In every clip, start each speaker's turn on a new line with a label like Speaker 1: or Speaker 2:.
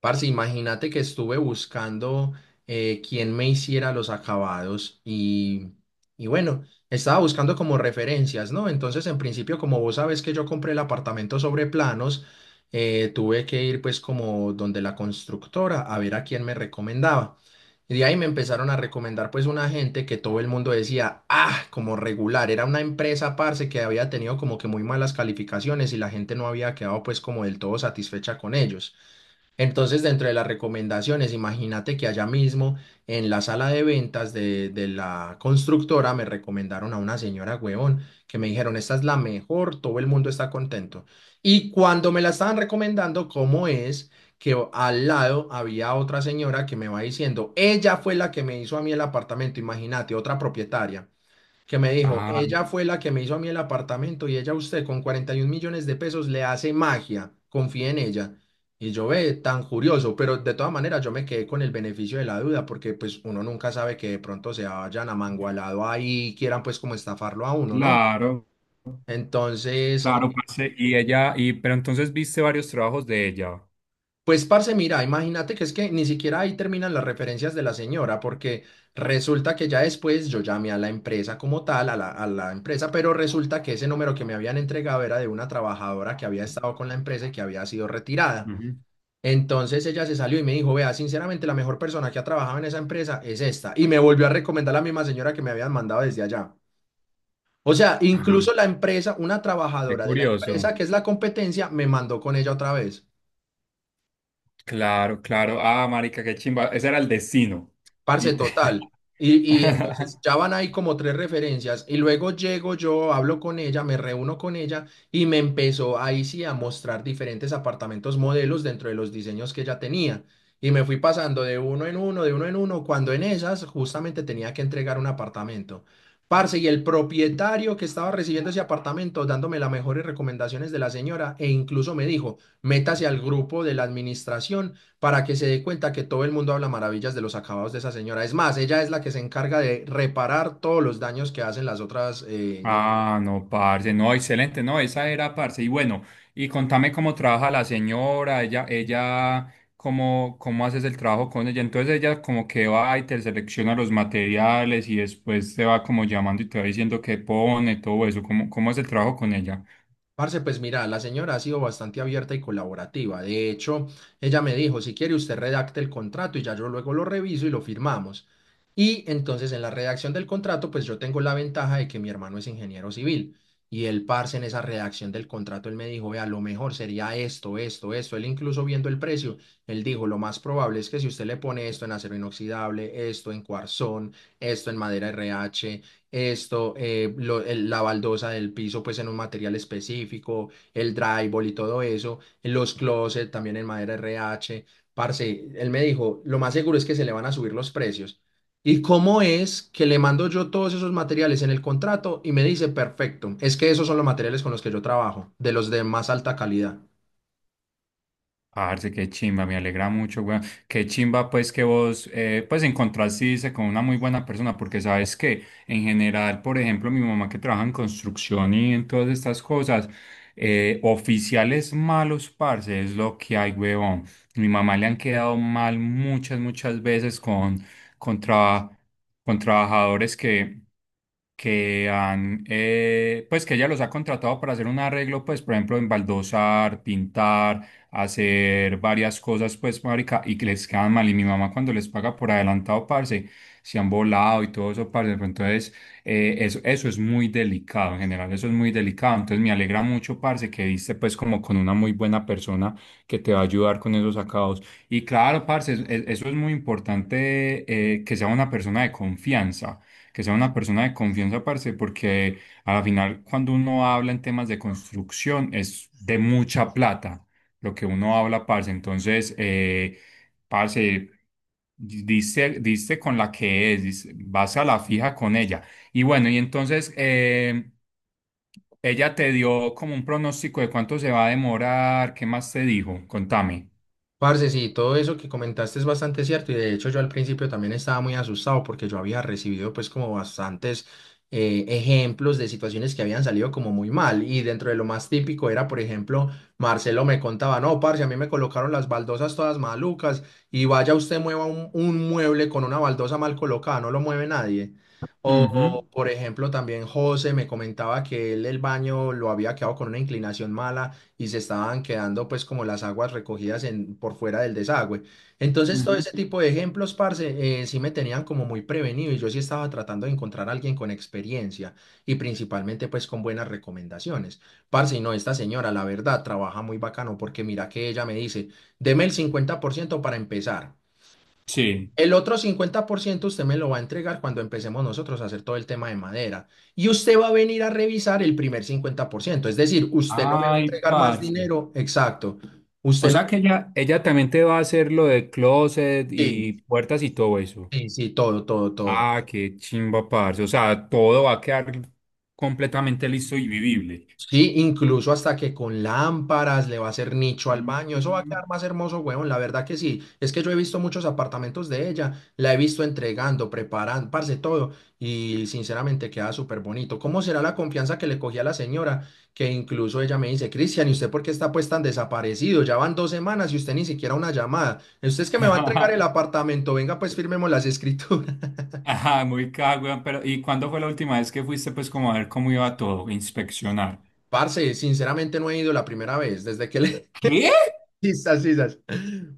Speaker 1: Parce, imagínate que estuve buscando quién me hiciera los acabados y bueno, estaba buscando como referencias, ¿no? Entonces, en principio, como vos sabes que yo compré el apartamento sobre planos, tuve que ir pues como donde la constructora a ver a quién me recomendaba. Y de ahí me empezaron a recomendar pues una gente que todo el mundo decía, ah, como regular, era una empresa, parce, que había tenido como que muy malas calificaciones y la gente no había quedado pues como del todo satisfecha con ellos. Entonces, dentro de las recomendaciones, imagínate que allá mismo en la sala de ventas de la constructora me recomendaron a una señora huevón que me dijeron, esta es la mejor, todo el mundo está contento. Y cuando me la estaban recomendando, ¿cómo es? Que al lado había otra señora que me va diciendo, ella fue la que me hizo a mí el apartamento, imagínate, otra propietaria que me dijo,
Speaker 2: Ah,
Speaker 1: ella fue la que me hizo a mí el apartamento y ella a usted con 41 millones de pesos le hace magia, confíe en ella. Y yo ve tan curioso, pero de todas maneras yo me quedé con el beneficio de la duda porque pues uno nunca sabe que de pronto se vayan amangualado ahí y quieran pues como estafarlo a uno, ¿no?
Speaker 2: claro,
Speaker 1: Entonces,
Speaker 2: claro, parce. Y ella, y pero entonces viste varios trabajos de ella.
Speaker 1: pues, parce, mira, imagínate que es que ni siquiera ahí terminan las referencias de la señora, porque resulta que ya después yo llamé a la empresa como tal, a la empresa, pero resulta que ese número que me habían entregado era de una trabajadora que había estado con la empresa y que había sido retirada.
Speaker 2: Ujú.
Speaker 1: Entonces ella se salió y me dijo, vea, sinceramente la mejor persona que ha trabajado en esa empresa es esta. Y me volvió a recomendar la misma señora que me habían mandado desde allá. O sea,
Speaker 2: Ah,
Speaker 1: incluso la empresa, una
Speaker 2: qué
Speaker 1: trabajadora de la
Speaker 2: curioso.
Speaker 1: empresa que es la competencia, me mandó con ella otra vez.
Speaker 2: Claro, claro. Ah, marica, qué chimba. Ese era el destino.
Speaker 1: Parce,
Speaker 2: Literal.
Speaker 1: total. Y entonces ya van ahí como 3 referencias y luego llego yo, hablo con ella, me reúno con ella y me empezó ahí sí a mostrar diferentes apartamentos modelos dentro de los diseños que ella tenía. Y me fui pasando de uno en uno, de uno en uno, cuando en esas justamente tenía que entregar un apartamento. Parce, y el propietario que estaba recibiendo ese apartamento, dándome las mejores recomendaciones de la señora, e incluso me dijo, métase al grupo de la administración para que se dé cuenta que todo el mundo habla maravillas de los acabados de esa señora. Es más, ella es la que se encarga de reparar todos los daños que hacen las otras
Speaker 2: Ah, no, parce, no, excelente, no, esa era, parce. Y bueno, y contame cómo trabaja la señora, cómo, cómo haces el trabajo con ella. Entonces ella como que va y te selecciona los materiales y después te va como llamando y te va diciendo qué pone, todo eso. ¿Cómo, cómo es el trabajo con ella?
Speaker 1: parce, pues mira, la señora ha sido bastante abierta y colaborativa. De hecho, ella me dijo, si quiere usted redacte el contrato y ya yo luego lo reviso y lo firmamos. Y entonces en la redacción del contrato, pues yo tengo la ventaja de que mi hermano es ingeniero civil. Y el parce en esa redacción del contrato, él me dijo, vea, lo mejor sería esto, esto, esto. Él incluso viendo el precio, él dijo, lo más probable es que si usted le pone esto en acero inoxidable, esto en cuarzón, esto en madera RH, esto, la baldosa del piso pues en un material específico, el drywall y todo eso, los closets también en madera RH. Parce, él me dijo, lo más seguro es que se le van a subir los precios. ¿Y cómo es que le mando yo todos esos materiales en el contrato y me dice, perfecto, es que esos son los materiales con los que yo trabajo, de los de más alta calidad?
Speaker 2: Parce, qué chimba, me alegra mucho, weón. Qué chimba, pues, que vos, pues, encontraste, dice, con una muy buena persona, porque sabes que, en general, por ejemplo, mi mamá que trabaja en construcción y en todas estas cosas, oficiales malos, parce, es lo que hay, weón. Mi mamá le han quedado mal muchas, muchas veces con, traba- con trabajadores que, que pues, que ella los ha contratado para hacer un arreglo, pues, por ejemplo, en baldosar, pintar, hacer varias cosas, pues, marica, y que les quedan mal. Y mi mamá cuando les paga por adelantado, parce, se han volado y todo eso, parce. Pero entonces, eso, eso es muy delicado, en general, eso es muy delicado. Entonces, me alegra mucho, parce, que diste, pues, como con una muy buena persona que te va a ayudar con esos acabados. Y claro, parce, eso es muy importante, que sea una persona de confianza. Que sea una persona de confianza, parce, porque... Al final, cuando uno habla en temas de construcción, es de mucha plata lo que uno habla, parce. Entonces, parce, diste, diste con la que es, vas a la fija con ella. Y bueno, y entonces, ella te dio como un pronóstico de cuánto se va a demorar, ¿qué más te dijo? Contame.
Speaker 1: Parce, sí, todo eso que comentaste es bastante cierto y de hecho yo al principio también estaba muy asustado porque yo había recibido pues como bastantes ejemplos de situaciones que habían salido como muy mal y dentro de lo más típico era por ejemplo Marcelo me contaba, no, parce, a mí me colocaron las baldosas todas malucas y vaya usted mueva un mueble con una baldosa mal colocada, no lo mueve nadie.
Speaker 2: Ujú,
Speaker 1: Por ejemplo también José me comentaba que él el baño lo había quedado con una inclinación mala y se estaban quedando pues como las aguas recogidas en, por fuera del desagüe. Entonces todo
Speaker 2: ujú.
Speaker 1: ese tipo de ejemplos, parce, sí me tenían como muy prevenido y yo sí estaba tratando de encontrar a alguien con experiencia y principalmente pues con buenas recomendaciones. Parce, y no, esta señora la verdad trabaja muy bacano porque mira que ella me dice, deme el 50% para empezar.
Speaker 2: Sí.
Speaker 1: El otro 50% usted me lo va a entregar cuando empecemos nosotros a hacer todo el tema de madera. Y usted va a venir a revisar el primer 50%. Es decir, usted no me va a
Speaker 2: Ay,
Speaker 1: entregar más
Speaker 2: parce.
Speaker 1: dinero. Exacto.
Speaker 2: O
Speaker 1: Usted no.
Speaker 2: sea que ella también te va a hacer lo de closet
Speaker 1: Sí,
Speaker 2: y puertas y todo eso.
Speaker 1: sí, sí, todo, todo, todo.
Speaker 2: Ah, qué chimba, parce. O sea, todo va a quedar completamente listo y vivible.
Speaker 1: Sí, incluso hasta que con lámparas le va a hacer nicho al baño. Eso va a
Speaker 2: Mm.
Speaker 1: quedar más hermoso, weón. La verdad que sí. Es que yo he visto muchos apartamentos de ella. La he visto entregando, preparando, parce, todo. Y sinceramente queda súper bonito. ¿Cómo será la confianza que le cogí a la señora? Que incluso ella me dice, Cristian, ¿y usted por qué está pues tan desaparecido? Ya van 2 semanas y usted ni siquiera una llamada. Usted es que me va a entregar el apartamento. Venga, pues firmemos las escrituras.
Speaker 2: Ajá, muy cagüey, pero ¿y cuándo fue la última vez que fuiste pues como a ver cómo iba todo, inspeccionar?
Speaker 1: Parce, sinceramente no he ido la primera vez. Desde que le
Speaker 2: ¿Qué?
Speaker 1: quizás, quizás.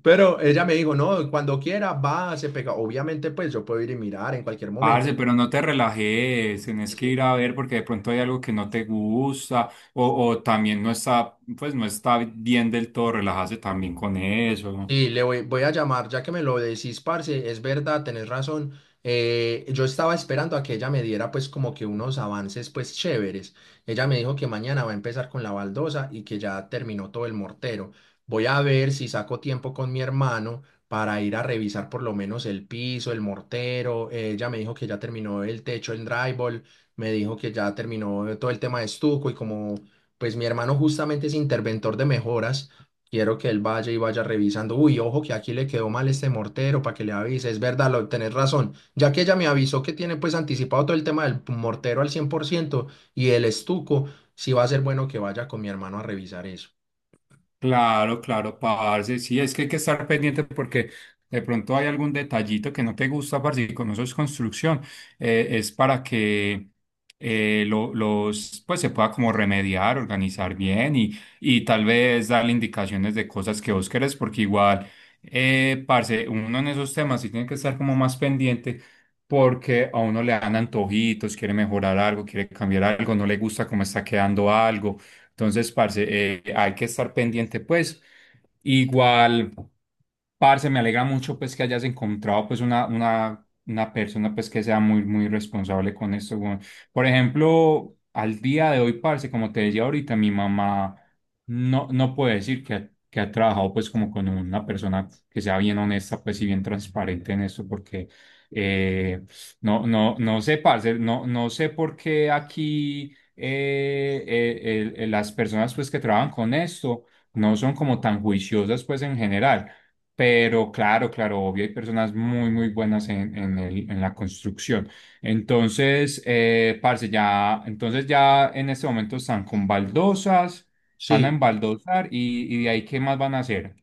Speaker 1: Pero ella me dijo, no, cuando quiera, va, se pega. Obviamente, pues yo puedo ir y mirar en cualquier momento.
Speaker 2: Parce, pero no te relajes, tenés que ir a ver porque de pronto hay algo que no te gusta o también no está, pues no está bien del todo, relájate también con eso.
Speaker 1: Sí, le voy a llamar, ya que me lo decís, parce, es verdad, tenés razón. Yo estaba esperando a que ella me diera pues como que unos avances pues chéveres. Ella me dijo que mañana va a empezar con la baldosa y que ya terminó todo el mortero. Voy a ver si saco tiempo con mi hermano para ir a revisar por lo menos el piso, el mortero. Ella me dijo que ya terminó el techo, el drywall, me dijo que ya terminó todo el tema de estuco y como pues mi hermano justamente es interventor de mejoras. Quiero que él vaya y vaya revisando. Uy, ojo que aquí le quedó mal este mortero para que le avise. Es verdad, tenés razón. Ya que ella me avisó que tiene pues anticipado todo el tema del mortero al 100% y el estuco, sí va a ser bueno que vaya con mi hermano a revisar eso.
Speaker 2: Claro, claro, parce. Sí, es que hay que estar pendiente porque de pronto hay algún detallito que no te gusta, parce, y como eso es construcción, es para que pues se pueda como remediar, organizar bien y tal vez darle indicaciones de cosas que vos querés, porque igual, parce, uno en esos temas sí tiene que estar como más pendiente porque a uno le dan antojitos, quiere mejorar algo, quiere cambiar algo, no le gusta cómo está quedando algo. Entonces, parce, hay que estar pendiente, pues. Igual. Parce, me alegra mucho pues que hayas encontrado pues una persona pues que sea muy, muy responsable con esto, weón. Por ejemplo, al día de hoy, parce, como te decía ahorita, mi mamá no puede decir que ha trabajado pues como con una persona que sea bien honesta pues y bien transparente en esto porque eh, no sé, parce, no sé por qué aquí las personas pues que trabajan con esto no son como tan juiciosas pues en general, pero claro, claro, obvio, hay personas muy, muy buenas en, en la construcción. Entonces, parce, ya, entonces ya en este momento están con baldosas, van a
Speaker 1: Sí.
Speaker 2: embaldosar y de ahí, ¿qué más van a hacer?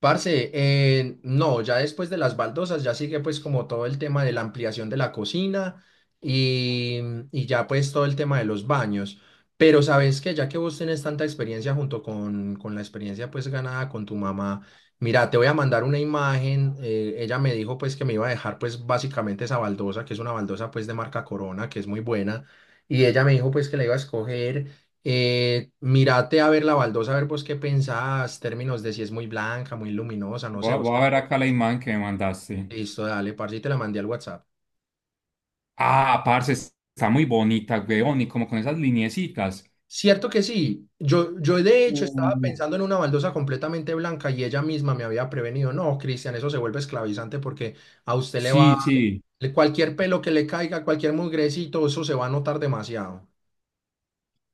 Speaker 1: Parce, no, ya después de las baldosas ya sigue pues como todo el tema de la ampliación de la cocina y, y ya pues todo el tema de los baños. Pero sabes que ya que vos tenés tanta experiencia junto con la experiencia pues ganada con tu mamá, mira, te voy a mandar una imagen. Ella me dijo pues que me iba a dejar pues básicamente esa baldosa, que es una baldosa pues de marca Corona, que es muy buena. Y ella me dijo pues que la iba a escoger. Mírate a ver la baldosa, a ver vos qué pensás, términos de si es muy blanca, muy luminosa, no
Speaker 2: Voy
Speaker 1: sé,
Speaker 2: a,
Speaker 1: vos
Speaker 2: voy a
Speaker 1: qué-
Speaker 2: ver acá la imagen que me mandaste.
Speaker 1: Listo, dale, parce, y te la mandé al WhatsApp.
Speaker 2: Ah, parce, está muy bonita, weón, y como con esas lineecitas.
Speaker 1: Cierto que sí, yo de hecho estaba
Speaker 2: Uh.
Speaker 1: pensando en una baldosa completamente blanca y ella misma me había prevenido, no, Cristian, eso se vuelve esclavizante porque a usted le va,
Speaker 2: Sí, sí.
Speaker 1: cualquier pelo que le caiga, cualquier mugrecito, eso se va a notar demasiado.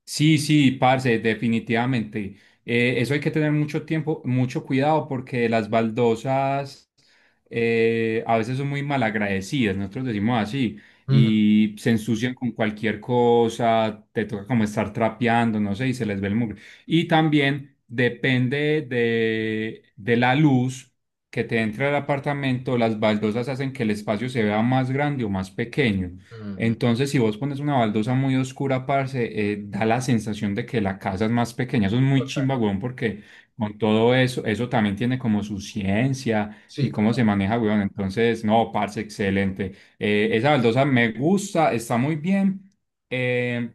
Speaker 2: Sí, sí, parce, definitivamente. Eso hay que tener mucho tiempo, mucho cuidado porque las baldosas a veces son muy malagradecidas, nosotros decimos así,
Speaker 1: Ujú,
Speaker 2: y se ensucian con cualquier cosa, te toca como estar trapeando, no sé, y se les ve el mugre. Y también depende de la luz que te entra al apartamento, las baldosas hacen que el espacio se vea más grande o más pequeño.
Speaker 1: ujú,
Speaker 2: Entonces, si vos pones una baldosa muy oscura, parce, da la sensación de que la casa es más pequeña. Eso es muy
Speaker 1: total,
Speaker 2: chimba, weón, porque con todo eso, eso también tiene como su ciencia y
Speaker 1: sí,
Speaker 2: cómo se
Speaker 1: total.
Speaker 2: maneja, weón. Entonces, no, parce, excelente. Esa baldosa me gusta, está muy bien. Eh,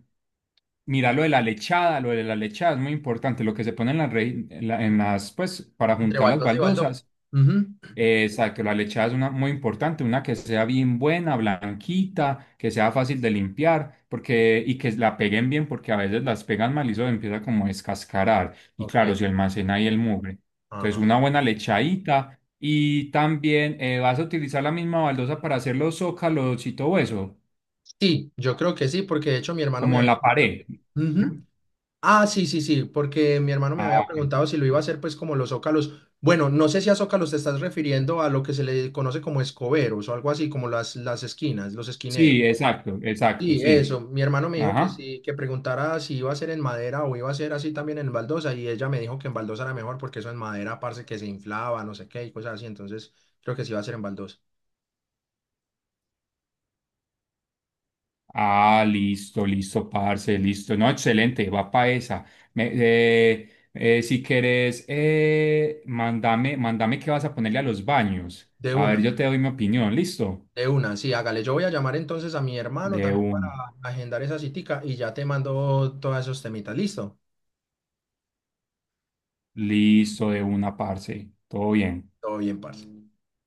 Speaker 2: Mira lo de la lechada, lo de la lechada es muy importante. Lo que se pone en las, en las, pues, para
Speaker 1: Entre
Speaker 2: juntar las
Speaker 1: baldosa y baldosa.
Speaker 2: baldosas.
Speaker 1: Ujú,
Speaker 2: Exacto, la lechada es una muy importante, una que sea bien buena, blanquita, que sea fácil de limpiar, porque y que la peguen bien, porque a veces las pegan mal y eso empieza como a descascarar. Y claro,
Speaker 1: ok,
Speaker 2: se almacena ahí el mugre. Entonces,
Speaker 1: ajá.
Speaker 2: una buena lechadita y también, vas a utilizar la misma baldosa para hacer los zócalos y todo eso,
Speaker 1: Sí, yo creo que sí, porque de hecho mi hermano me
Speaker 2: como en
Speaker 1: había
Speaker 2: la
Speaker 1: dicho.
Speaker 2: pared. ¿Mm?
Speaker 1: Ujú. Ah, sí, sí, sí, porque mi hermano me
Speaker 2: Ah,
Speaker 1: había
Speaker 2: ok.
Speaker 1: preguntado si lo iba a hacer, pues, como los zócalos. Bueno, no sé si a zócalos te estás refiriendo a lo que se le conoce como escoberos o algo así, como las esquinas, los esquineros.
Speaker 2: Sí, exacto, exacto,
Speaker 1: Sí,
Speaker 2: sí.
Speaker 1: eso. Mi hermano me dijo que
Speaker 2: Ajá.
Speaker 1: sí, que preguntara si iba a ser en madera o iba a ser así también en baldosa, y ella me dijo que en baldosa era mejor porque eso en madera, parce, que se inflaba, no sé qué, y cosas así. Entonces, creo que sí iba a ser en baldosa.
Speaker 2: Ah, listo, listo, parce, listo. No, excelente, va pa' esa. Si querés, mándame, mándame qué vas a ponerle a los baños.
Speaker 1: De
Speaker 2: A ver,
Speaker 1: una.
Speaker 2: yo te doy mi opinión, listo.
Speaker 1: De una, sí, hágale. Yo voy a llamar entonces a mi hermano
Speaker 2: De
Speaker 1: también para
Speaker 2: un,
Speaker 1: agendar esa citica y ya te mando todos esos temitas. ¿Listo?
Speaker 2: Listo, de una, parce. Todo bien.
Speaker 1: Todo bien, parce.